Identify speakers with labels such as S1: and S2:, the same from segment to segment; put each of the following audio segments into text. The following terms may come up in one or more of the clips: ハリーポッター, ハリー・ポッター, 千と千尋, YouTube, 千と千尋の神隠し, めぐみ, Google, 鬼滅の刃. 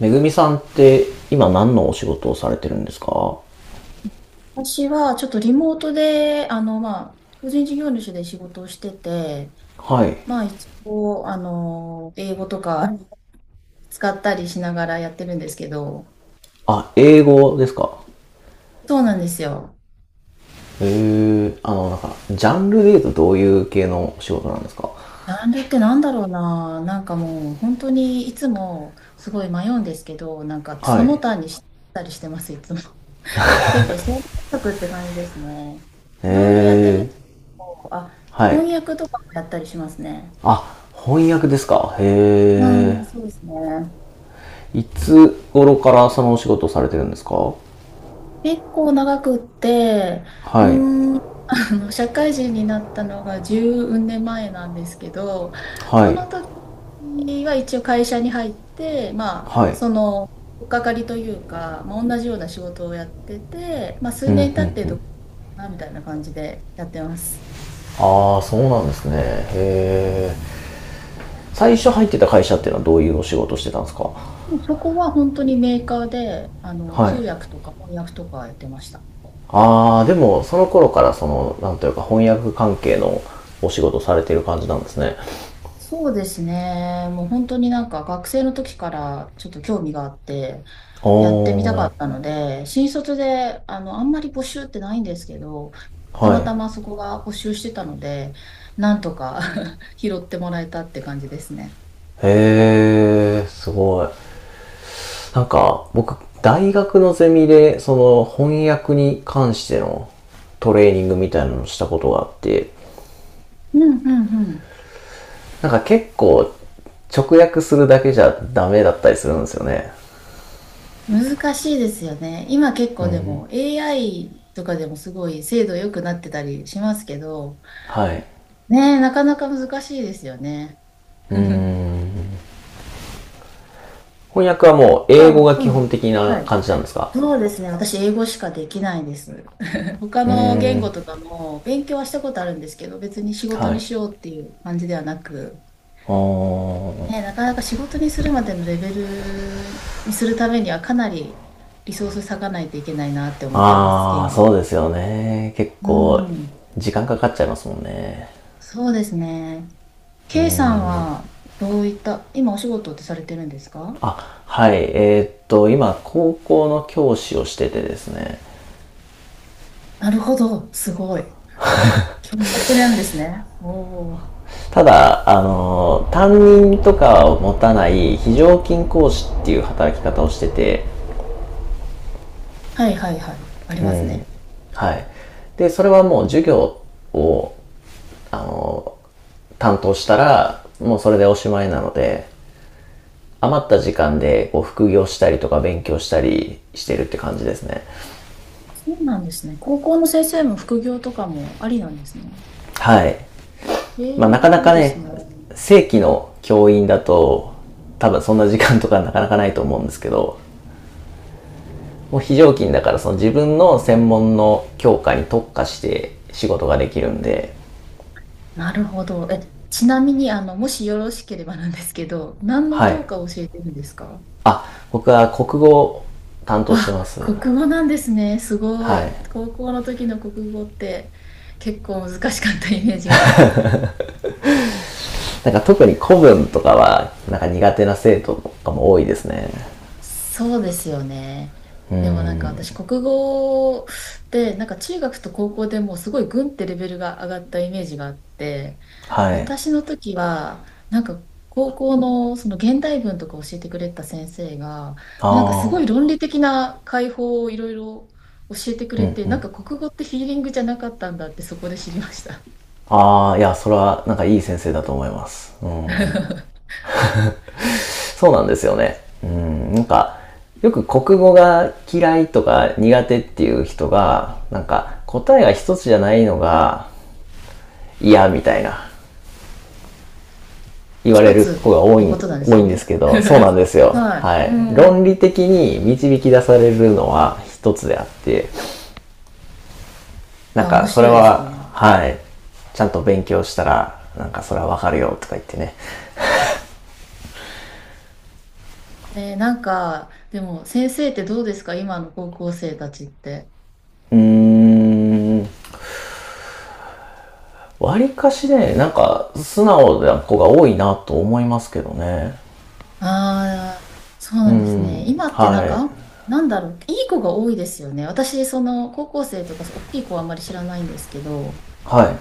S1: めぐみさんって今何のお仕事をされてるんですか？
S2: 私はちょっとリモートで、個人事業主で仕事をしてて、
S1: はい。
S2: まあ、一応、英語とか使ったりしながらやってるんですけど、
S1: あ、英語ですか？
S2: そうなんですよ。
S1: へえ、あの、なんか、ジャンルで言うとどういう系のお仕事なんですか？
S2: ジャンルってなんだろうな、なんかもう、本当にいつもすごい迷うんですけど、なんか
S1: は
S2: そ
S1: い。
S2: の
S1: へ
S2: 他にしたりしてます、いつも。結構、選択って感じですね。いろいろやってるん
S1: え。
S2: で、あ、
S1: はい。
S2: 翻訳とかもやったりしますね。
S1: あ、翻訳ですか？
S2: う
S1: へ
S2: ん、そうですね。
S1: え、いつ頃からそのお仕事をされてるんですか？
S2: 結構長くって、
S1: はい。
S2: うーん、社会人になったのが10年前なんですけど、
S1: は
S2: そ
S1: い。
S2: の時は一応会社に入って、
S1: はい。
S2: とっかかりというか、まあ、同じような仕事をやってて、まあ、数年経ってどうかなみたいな感じでやってます。
S1: ああ、そうなんですね。へえ。最初入ってた会社っていうのはどういうお仕事をしてたんですか？
S2: もうそこは本当にメーカーで、
S1: は
S2: 通
S1: い。
S2: 訳とか翻訳とかやってました。
S1: ああ、でもその頃からそのなんというか翻訳関係のお仕事されてる感じなんですね。
S2: そうですね。もう本当になんか学生の時からちょっと興味があって、
S1: お
S2: やってみたかっ
S1: ー。
S2: たので、新卒で、あんまり募集ってないんですけど、た
S1: は
S2: また
S1: い。
S2: まそこが募集してたので、なんとか 拾ってもらえたって感じですね。
S1: へえ、すごい。なんか僕、大学のゼミでその翻訳に関してのトレーニングみたいなのをしたことがあって、
S2: うんうん。
S1: なんか結構直訳するだけじゃダメだったりするんですよね。
S2: うん。難しいですよね。今結構でも AI とかでもすごい精度良くなってたりしますけど、
S1: はい、
S2: ねえ、なかなか難しいですよね。さ
S1: うん、翻訳はもう英語
S2: あ、
S1: が基
S2: う
S1: 本
S2: ん。
S1: 的な
S2: はい。
S1: 感じなんですか？
S2: そうですね。私、英語しかできないです。他の言語とかも勉強はしたことあるんですけど、別に仕事
S1: は
S2: に
S1: い。
S2: しようっていう感じではなく、
S1: お
S2: ね、な
S1: ー。
S2: かなか仕事にするまでのレベルにするためにはかなりリソース割かないといけないなって思ってます、言
S1: ああ、
S2: 語
S1: そ
S2: は。
S1: うですよね。結
S2: う
S1: 構、
S2: ん。
S1: 時間かかっちゃいますもんね。
S2: そうですね。K さんはどういった、今お仕事ってされてるんですか？
S1: あ、はい。今、高校の教師をしててですね。
S2: なるほど。すごい。教職なんですね。おお。
S1: ただ、あの、担任とかを持たない非常勤講師っていう働き方をしてて、
S2: はいはいはい。ありますね。
S1: はい。で、それはもう授業を、あの、担当したら、もうそれでおしまいなので、余った時間でこう副業したりとか勉強したりしてるって感じですね。
S2: そうなんですね。高校の先生も副業とかもありなんですね。
S1: はい。
S2: え
S1: まあなか
S2: え、
S1: な
S2: いい
S1: か
S2: です
S1: ね、
S2: ね。
S1: 正規の教員だと、多分そんな時間とか なかなかないと思うんですけど、もう非常勤だからその自分の専門の教科に特化して仕事ができるんで、
S2: なるほど。え、ちなみに、もしよろしければなんですけど、何の
S1: は
S2: 教
S1: い。
S2: 科を教えてるんですか？
S1: あ、僕は国語を担当して
S2: あ、
S1: ます。
S2: 国語なんですね。すご
S1: はい。
S2: い。高校の時の国語って結構難しかったイメージがあります。
S1: なんか特に古文とかは、なんか苦手な生徒とかも多いですね。
S2: そうですよね。でもなんか私、国語でなんか中学と高校でもうすごいグンってレベルが上がったイメージがあって、
S1: はい。
S2: 私の時はなんか高校のその現代文とか教えてくれた先生がなんかす
S1: あ
S2: ごい論理的な解法をいろいろ教えてくれて、なんか国語ってヒーリングじゃなかったんだってそこで知りました。
S1: あ。ああ、いや、それはなんかいい先生だと思います。うん。そうなんですよね。うん、なんか、よく国語が嫌いとか苦手っていう人が、なんか答えが一つじゃないのが嫌みたいな言わ
S2: 一
S1: れる子
S2: つ
S1: が
S2: っ
S1: 多
S2: て
S1: い、
S2: ことなんで
S1: 多
S2: す
S1: い
S2: よ
S1: んです
S2: ね。
S1: けど、そうなん ですよ。
S2: は
S1: は
S2: い。う
S1: い。論理
S2: ん。
S1: 的に導き出されるのは一つであって、
S2: い
S1: なん
S2: や、面
S1: かそれ
S2: 白いです
S1: は、
S2: ね。
S1: はい。ちゃんと勉強したら、なんかそれはわかるよとか言ってね。
S2: ねえ、なんか、でも先生ってどうですか、今の高校生たちって。
S1: うーん、わりかしね、なんか素直な子が多いなと思いますけどね。
S2: ああ、そうなんですね。今ってな
S1: は
S2: んか、
S1: い。
S2: あ、なんだろう、いい子が多いですよね。私、その高校生とか、大きい子はあんまり知らないんですけど、
S1: はい。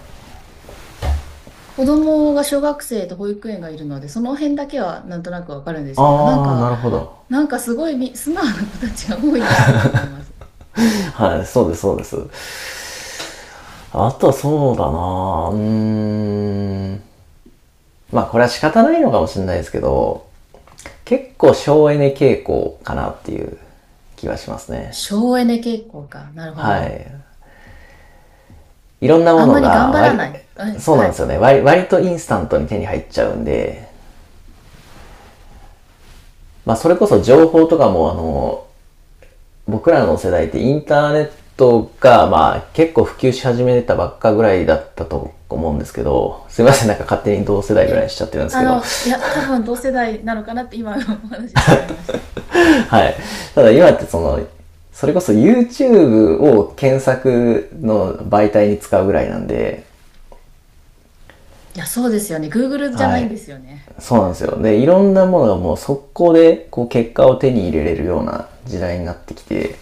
S2: 子供が小学生と保育園がいるので、その辺だけはなんとなくわかるんですけど、なん
S1: あー、
S2: か、
S1: なるほど。
S2: なんかすごいみ素直な子たちが多いなって思います。
S1: はい、そうです、そうです。あとはそうだなぁ。まあこれは仕方ないのかもしれないですけど、結構省エネ傾向かなっていう気はしますね。
S2: 省エネ傾向か。なるほ
S1: は
S2: ど。
S1: い。いろんなも
S2: あん
S1: の
S2: まり頑
S1: が
S2: 張ら
S1: 割
S2: ない。は
S1: り、
S2: い。
S1: そう
S2: は
S1: なんです
S2: い。
S1: よね。割とインスタントに手に入っちゃうんで、まあそれこそ情報とかもあの、僕らの世代ってインターネットが、まあ、結構普及し始めたばっかぐらいだったと思うんですけど、すいません、なんか勝手に同世代ぐらいにしちゃってるんですけど
S2: いや、多 分同世代なのかなって今のお話で思いました。
S1: はい。ただ今ってその、それこそ YouTube を検索の媒体に使うぐらいなんで、
S2: いや、そうですよね。Google じゃ
S1: は
S2: ないんで
S1: い。
S2: すよね。
S1: そうなんですよ。で、いろんなものがもう速攻でこう結果を手に入れれるような時代になってきて、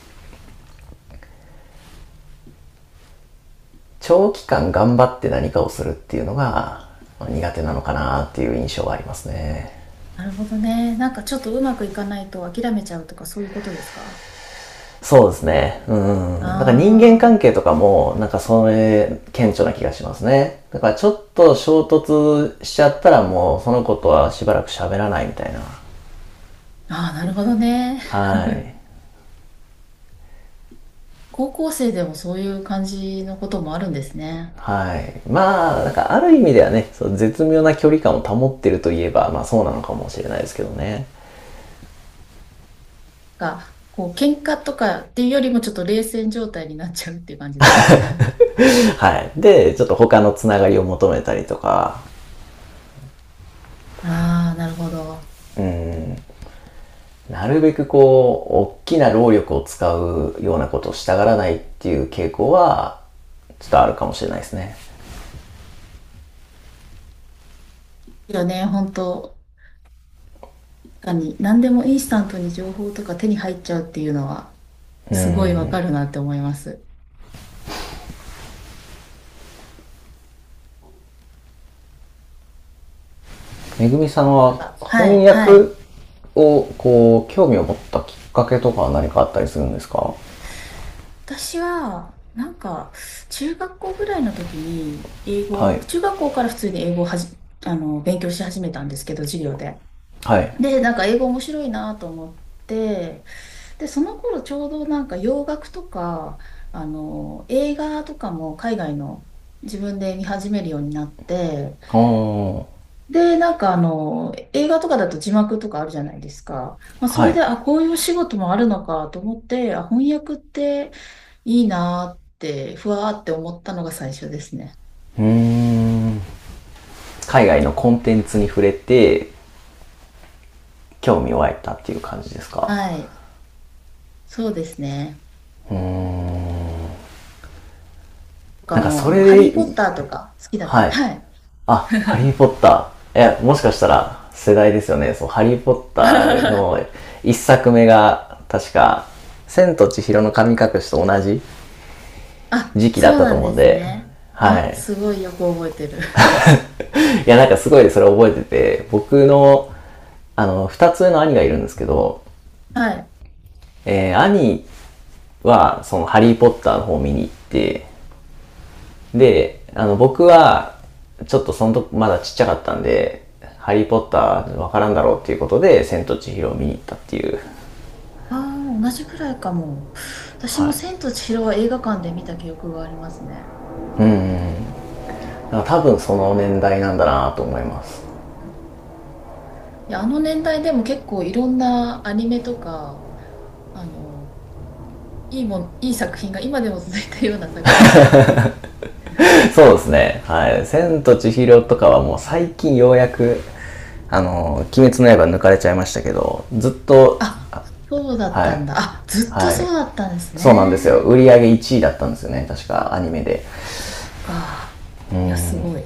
S1: 長期間頑張って何かをするっていうのが苦手なのかなっていう印象はありますね。
S2: なるほどね。なんかちょっとうまくいかないと諦めちゃうとかそういうことですか？
S1: そうですね。う
S2: あ
S1: ん。だから人間関係
S2: ー、
S1: とかも、なんかそれ、顕著な気がしますね。だからちょっと衝突しちゃったらもう、そのことはしばらく喋らないみたいな。
S2: あー、なるほどね。
S1: はい。
S2: 高校生でもそういう感じのこともあるんですね。
S1: はい。まあ、なんかある意味ではね、そう絶妙な距離感を保ってるといえば、まあそうなのかもしれないですけどね。
S2: が、こう、喧嘩とかっていうよりもちょっと冷戦状態になっちゃうっていう感じなんですね。
S1: はい。で、ちょっと他のつながりを求めたりとか、
S2: ああ、なるほど。
S1: なるべくこう、大きな労力を使うようなことをしたがらないっていう傾向は、ちょっとあるかもしれないですね。
S2: ですよね、本当、確かに何でもインスタントに情報とか手に入っちゃうっていうのは。すごいわかるなって思います。
S1: めぐみさんは
S2: あ、は
S1: 翻
S2: い、は
S1: 訳
S2: い。
S1: をこう、興味を持ったきっかけとかは何かあったりするんですか？
S2: 私は、なんか、中学校ぐらいの時に、英
S1: は
S2: 語、
S1: い。
S2: 中学校から普通に英語をはじ、あの、勉強し始めたんですけど、授業で。
S1: はい。
S2: で、なんか英語面白いなと思って、で、その頃ちょうどなんか洋楽とか、映画とかも海外の、自分で見始めるようになって、
S1: おー。
S2: で、なんかあの、映画とかだと字幕とかあるじゃないですか。まあ、そ
S1: は
S2: れで、
S1: い。
S2: あ、こういうお仕事もあるのかと思って、あ、翻訳っていいなーって、ふわーって思ったのが最初ですね。
S1: うーん。海外のコンテンツに触れて、興味を湧いたっていう感じですか？
S2: はい。そうですね。とか
S1: なんか
S2: もう、
S1: そ
S2: ハリ
S1: れ
S2: ー・ポ
S1: で、
S2: ッターとか好きだったん
S1: は
S2: で、
S1: い。
S2: はい。
S1: あ、ハリーポッター。え、もしかしたら世代ですよね。そう、ハリーポッターの 一作目が、確か、千と千尋の神隠しと同じ
S2: あ、
S1: 時期だ
S2: そ
S1: っ
S2: う
S1: たと
S2: なん
S1: 思
S2: で
S1: うん
S2: す
S1: で、
S2: ね。
S1: は
S2: あ、
S1: い。
S2: す ごいよく覚えてる。
S1: いや、なんかすごいそれ覚えてて、僕の、あの、二つ上の兄がいるんですけど、
S2: はい。
S1: 兄は、その、ハリーポッターの方を見に行って、で、あの、僕は、ちょっとそのとまだちっちゃかったんで、ハリーポッターわからんだろうっていうことで、千と千尋を見に行ったっていう。
S2: ああ、同じくらいかも。私
S1: は
S2: も
S1: い。
S2: 千と千尋は映画館で見た記憶がありますね。
S1: だから多分その年代なんだなと思います。
S2: いや、あの年代でも結構いろんなアニメとか、あの、いいもん、いい作品が、今でも続いてるような作品が多い。
S1: そうですね。はい。千と千尋とかはもう最近ようやく、あの、鬼滅の刃抜かれちゃいましたけど、ずっと、
S2: あ、そうだっ
S1: は
S2: た
S1: い。
S2: んだ。あ、ずっと
S1: は
S2: そ
S1: い。
S2: うだったんです
S1: そうなんですよ。
S2: ね。
S1: 売り上げ1位だったんですよね。確かアニメで。
S2: そっか。いや、すごい。